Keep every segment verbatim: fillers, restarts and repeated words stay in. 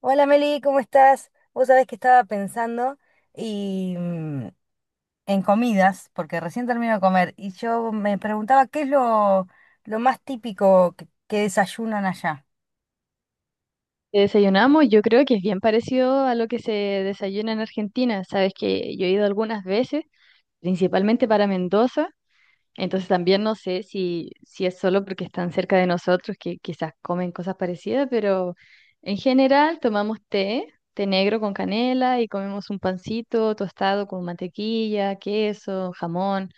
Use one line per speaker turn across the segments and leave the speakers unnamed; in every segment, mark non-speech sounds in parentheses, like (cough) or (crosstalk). Hola Meli, ¿cómo estás? Vos sabés que estaba pensando y mm, en comidas, porque recién termino de comer, y yo me preguntaba qué es lo, lo más típico que, que desayunan allá.
Que Desayunamos, yo creo que es bien parecido a lo que se desayuna en Argentina. Sabes que yo he ido algunas veces, principalmente para Mendoza, entonces también no sé si, si es solo porque están cerca de nosotros que quizás comen cosas parecidas, pero en general tomamos té, té negro con canela y comemos un pancito tostado con mantequilla, queso, jamón,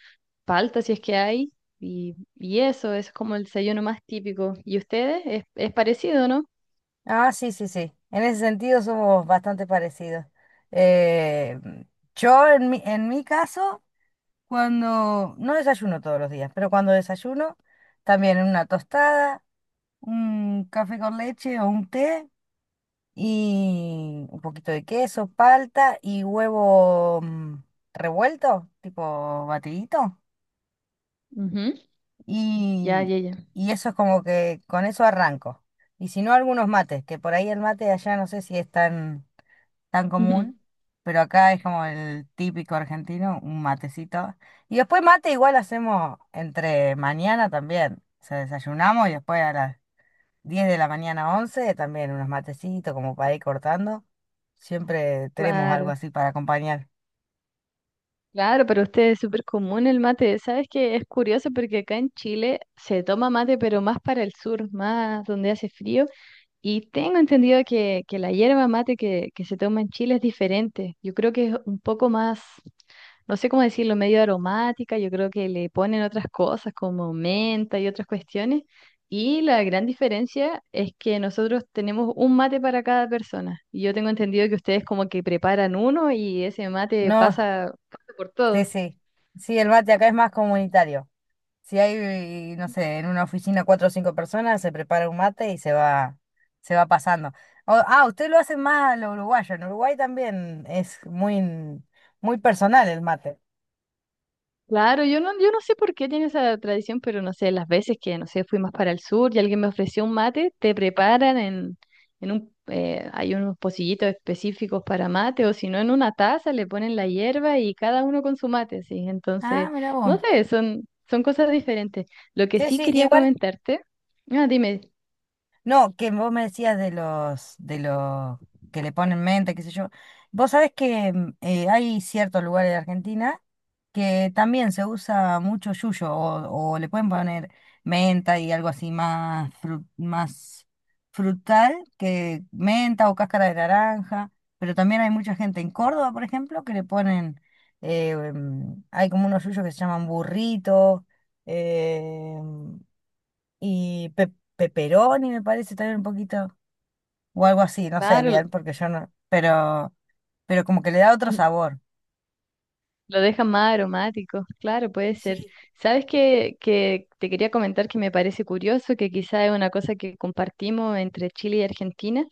palta si es que hay, y, y eso, eso es como el desayuno más típico. ¿Y ustedes? Es, es parecido, ¿no?
Ah, sí, sí, sí. En ese sentido somos bastante parecidos. Eh, yo en mi, en mi caso, cuando no desayuno todos los días, pero cuando desayuno, también una tostada, un café con leche o un té. Y un poquito de queso, palta y huevo mm, revuelto, tipo batidito.
Ujú. Ya,
Y,
ya, ya.
y eso es como que con eso arranco. Y si no, algunos mates, que por ahí el mate de allá no sé si es tan, tan
Ujú.
común, pero acá es como el típico argentino, un matecito. Y después mate igual hacemos entre mañana también. O sea, desayunamos y después a las diez de la mañana, once también unos matecitos como para ir cortando. Siempre tenemos algo
Claro,
así para acompañar.
claro, pero usted es súper común el mate. Sabes que es curioso porque acá en Chile se toma mate, pero más para el sur, más donde hace frío. Y tengo entendido que, que la hierba mate que, que se toma en Chile es diferente. Yo creo que es un poco más, no sé cómo decirlo, medio aromática, yo creo que le ponen otras cosas como menta y otras cuestiones. Y la gran diferencia es que nosotros tenemos un mate para cada persona. Y yo tengo entendido que ustedes como que preparan uno y ese mate
No,
pasa, pasa por
sí,
todo.
sí. Sí, el mate acá es más comunitario. Si hay, no sé, en una oficina cuatro o cinco personas, se prepara un mate y se va, se va pasando. O- ah, ustedes lo hacen más lo uruguayo. En Uruguay también es muy, muy personal el mate.
Claro, yo no, yo no sé por qué tiene esa tradición, pero no sé, las veces que, no sé, fui más para el sur y alguien me ofreció un mate, te preparan en, en un, eh, hay unos pocillitos específicos para mate, o si no, en una taza le ponen la hierba y cada uno con su mate, sí.
Ah,
Entonces,
mira vos.
no sé, son, son cosas diferentes. Lo que
Sí,
sí
sí,
quería
igual,
comentarte, ah, dime,
no, que vos me decías de los, de los que le ponen mente, qué sé yo. Vos sabés que mm, eh, hay ciertos lugares de Argentina que también se usa mucho yuyo o, o le pueden poner menta y algo así más, fru- más frutal que menta o cáscara de naranja, pero también hay mucha gente en Córdoba, por ejemplo, que le ponen, eh, em, hay como unos yuyos que se llaman burrito, em, y pe- pepperoni me parece también un poquito, o algo así, no sé
claro,
bien, porque yo no, pero, pero, como que le da otro
(laughs)
sabor.
lo deja más aromático, claro, puede ser.
Sí.
¿Sabes qué, que te quería comentar que me parece curioso, que quizá es una cosa que compartimos entre Chile y Argentina?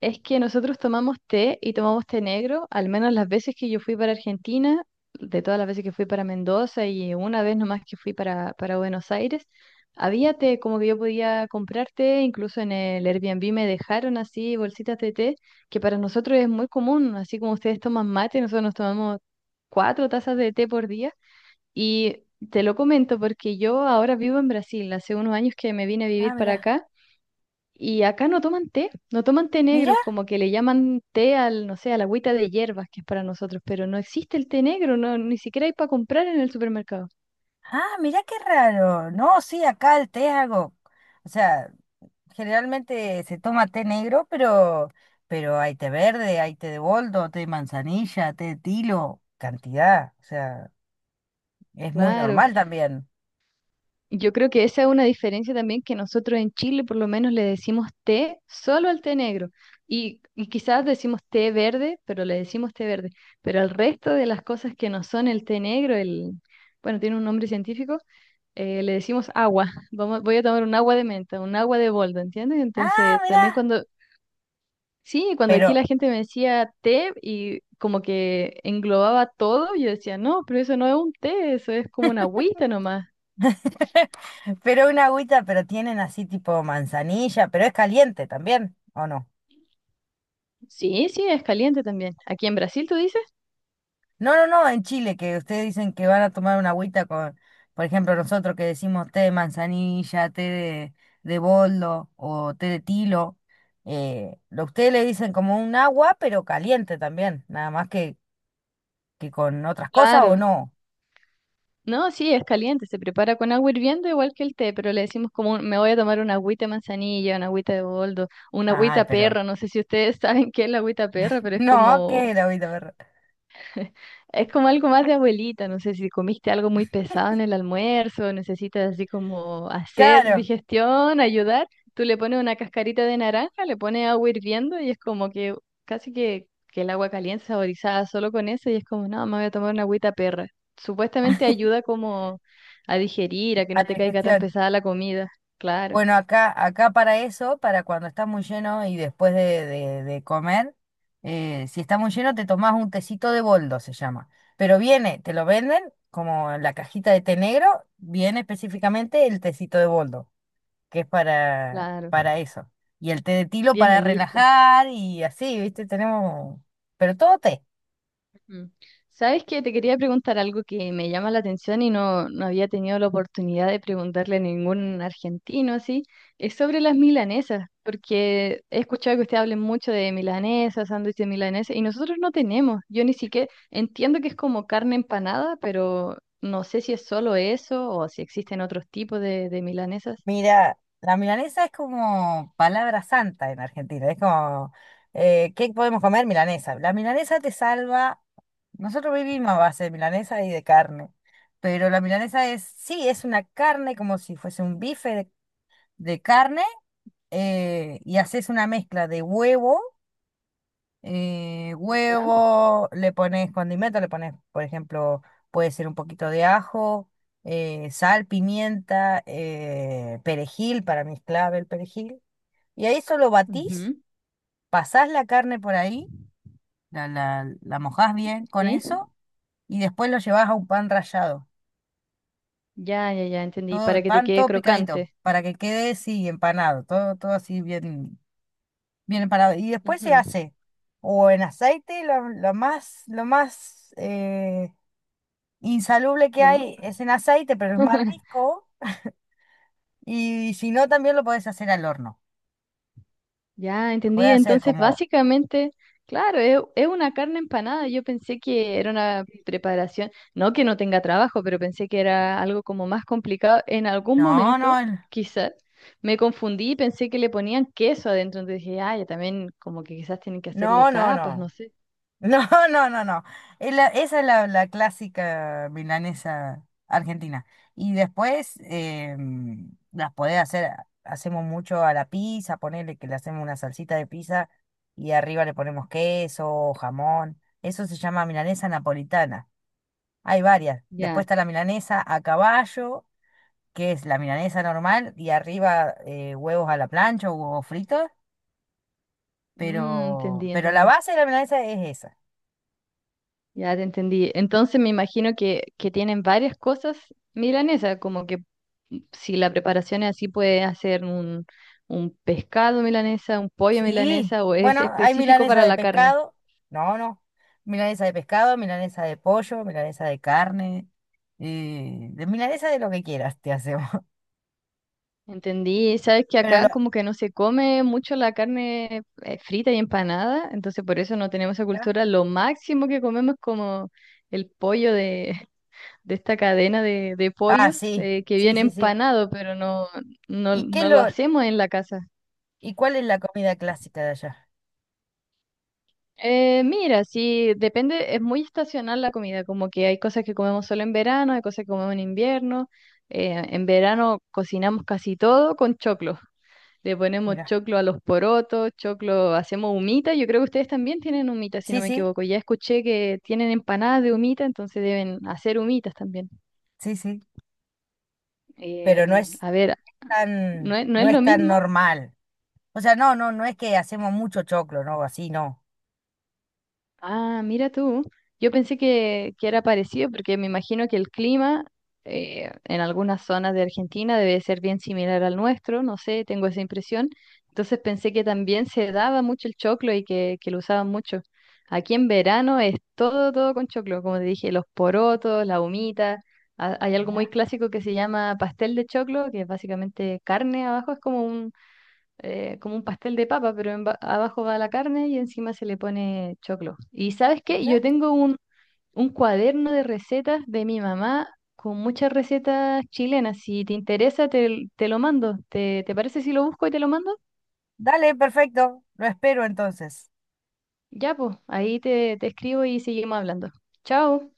Es que nosotros tomamos té y tomamos té negro, al menos las veces que yo fui para Argentina, de todas las veces que fui para Mendoza y una vez nomás que fui para, para Buenos Aires, había té, como que yo podía comprar té, incluso en el Airbnb me dejaron así bolsitas de té, que para nosotros es muy común, así como ustedes toman mate, nosotros nos tomamos cuatro tazas de té por día y te lo comento porque yo ahora vivo en Brasil, hace unos años que me vine a vivir
Ah,
para
mira.
acá. Y acá no toman té, no toman té
Mirá.
negro, como que le llaman té al, no sé, a la agüita de hierbas que es para nosotros, pero no existe el té negro, no, ni siquiera hay para comprar en el supermercado.
Ah, mira qué raro. No, sí, acá el té es algo, o sea, generalmente se toma té negro, pero, pero hay té verde, hay té de boldo, té de manzanilla, té de tilo, cantidad. O sea, es muy
Claro.
normal también.
Yo creo que esa es una diferencia también que nosotros en Chile por lo menos le decimos té solo al té negro y, y quizás decimos té verde, pero le decimos té verde, pero al resto de las cosas que no son el té negro, el, bueno, tiene un nombre científico, eh, le decimos agua. Vamos, voy a tomar un agua de menta, un agua de boldo, ¿entiendes?
Ah,
Entonces, también
mira.
cuando, sí, cuando aquí
Pero,
la gente me decía té y como que englobaba todo, yo decía, no, pero eso no es un té, eso es como una agüita nomás.
(laughs) pero una agüita, pero tienen así tipo manzanilla, pero es caliente también, ¿o no?
Sí, sí, es caliente también. ¿Aquí en Brasil tú dices?
No, no, no, en Chile, que ustedes dicen que van a tomar una agüita con, por ejemplo, nosotros que decimos té de manzanilla, té de, de boldo o té de tilo, eh, lo ustedes le dicen como un agua, pero caliente también, nada más que, que con otras cosas o
Claro.
no.
No, sí, es caliente. Se prepara con agua hirviendo igual que el té, pero le decimos como un- me voy a tomar una agüita de manzanilla, una agüita de boldo, una
Ay,
agüita
pero
perro. No sé si ustedes (laughs) saben qué es la agüita perra,
(laughs)
pero es
no, ¿qué es
como
el agüita, perro?
(laughs) es como algo más de abuelita, no sé si comiste algo muy pesado en el almuerzo, necesitas así como hacer
Claro,
digestión, ayudar, tú le pones una cascarita de naranja, le pones agua hirviendo y es como que casi que, que el agua caliente saborizada solo con eso y es como, no, me voy a tomar una agüita perra. Supuestamente ayuda como a digerir, a que
a
no
la
te caiga tan
digestión.
pesada la comida. Claro,
Bueno, acá, acá para eso, para cuando está muy lleno y después de, de- de comer, eh, si está muy lleno te tomás un tecito de boldo, se llama. Pero viene, te lo venden como en la cajita de té negro, viene específicamente el tecito de boldo, que es para,
claro,
para eso. Y el té de tilo
viene
para
listo.
relajar y así, ¿viste? Tenemos, pero todo té.
Mm. ¿Sabes qué? Te quería preguntar algo que me llama la atención y no, no había tenido la oportunidad de preguntarle a ningún argentino así. Es sobre las milanesas, porque he escuchado que ustedes hablen mucho de milanesas, sándwich de milanesa, y nosotros no tenemos. Yo ni siquiera entiendo que es como carne empanada, pero no sé si es solo eso o si existen otros tipos de, de milanesas.
Mira, la milanesa es como palabra santa en Argentina. Es como, eh, ¿qué podemos comer? Milanesa. La milanesa te salva. Nosotros vivimos a base de milanesa y de carne. Pero la milanesa es, sí, es una carne como si fuese un bife de, de carne, eh, y haces una mezcla de huevo eh,
¿Ya?
huevo, le pones condimento, le pones, por ejemplo, puede ser un poquito de ajo, eh, sal, pimienta, eh, perejil, para mí es clave el perejil. Y ahí solo batís,
Ujú.
pasás la carne por ahí, la, la, la mojás bien con
¿Sí?
eso y después lo llevas a un pan rallado.
Ya, ya, ya, entendí.
Todo el
Para que te
pan,
quede
todo picadito,
crocante.
para que quede así empanado, todo, todo así bien, bien empanado. Y después se
Ujú.
hace o en aceite, lo, lo más, lo más eh, insalubre que
Lo ma-
hay es en aceite, pero es más
(laughs)
rico. Y si no, también lo podés hacer al horno.
ya,
Lo podés
entendí.
hacer
Entonces,
como,
básicamente, claro, es, es una carne empanada. Yo pensé que era una preparación, no que no tenga trabajo, pero pensé que era algo como más complicado. En algún
no, no,
momento,
el-
quizás, me confundí y pensé que le ponían queso adentro. Entonces dije, ah, ya también como que quizás tienen que hacerle
no, no,
capas, no
no.
sé.
No, (laughs) no, no, no. Es la- esa es la, la clásica milanesa argentina. Y después em, las podés hacer, hacemos mucho a la pizza, ponerle que le hacemos una salsita de pizza y arriba le ponemos queso, jamón. Eso se llama milanesa napolitana. Hay varias. Después
Ya,
está la milanesa a caballo, que es la milanesa normal y arriba eh, huevos a la plancha o huevos fritos,
mm,
pero,
entendí,
pero la
entendí.
base de la milanesa es esa.
Ya te entendí. Entonces me imagino que, que tienen varias cosas milanesas, como que mm, si la preparación es así, puede hacer un, un pescado milanesa, un pollo
Sí,
milanesa, o es
bueno, hay
específico
milanesa
para
de
la carne.
pescado, no, no, milanesa de pescado, milanesa de pollo, milanesa de carne, eh, de milanesa de lo que quieras te hacemos. (laughs)
Entendí. Sabes que
Pero lo...
acá como que no se come mucho la carne eh, frita y empanada, entonces por eso no tenemos esa cultura. Lo máximo que comemos es como el pollo de, (laughs) de esta cadena de, de
Ah,
pollos
sí,
eh, que
sí,
viene
sí, sí.
empanado, pero no, no,
¿Y qué es
no lo
lo...
hacemos en la casa.
¿Y cuál es la comida clásica de allá?
Eh, mira, sí, depende, es muy estacional la comida, como que hay cosas que comemos solo en verano, hay cosas que comemos en invierno. Eh, en verano cocinamos casi todo con choclo. Le ponemos
Mira,
choclo a los porotos, choclo, hacemos humita. Yo creo que ustedes también tienen humita, si no
sí,
me
sí,
equivoco. Ya escuché que tienen empanadas de humita, entonces deben hacer humitas también.
sí, sí, pero
Em,
no es
a ver, no
tan,
es, no es
no es
lo
tan
mismo.
normal. O sea, no, no, no es que hacemos mucho choclo, no, así no.
Ah, mira tú. Yo pensé que, que era parecido porque me imagino que el clima eh, en algunas zonas de Argentina debe ser bien similar al nuestro, no sé, tengo esa impresión. Entonces pensé que también se daba mucho el choclo y que, que lo usaban mucho. Aquí en verano es todo, todo con choclo, como te dije, los porotos, la humita. Ha- hay algo muy
Ya,
clásico que se llama pastel de choclo, que es básicamente carne abajo, es como eh, como un pastel de papa, pero en ba- abajo va la carne y encima se le pone choclo. ¿Y sabes qué?
ya.
Yo tengo un, un cuaderno de recetas de mi mamá con muchas recetas chilenas. Si te interesa, te, te lo mando. ¿Te, te parece si lo busco y te lo mando?
Dale, perfecto. Lo espero entonces.
Ya, pues, ahí te, te escribo y seguimos hablando. Chao.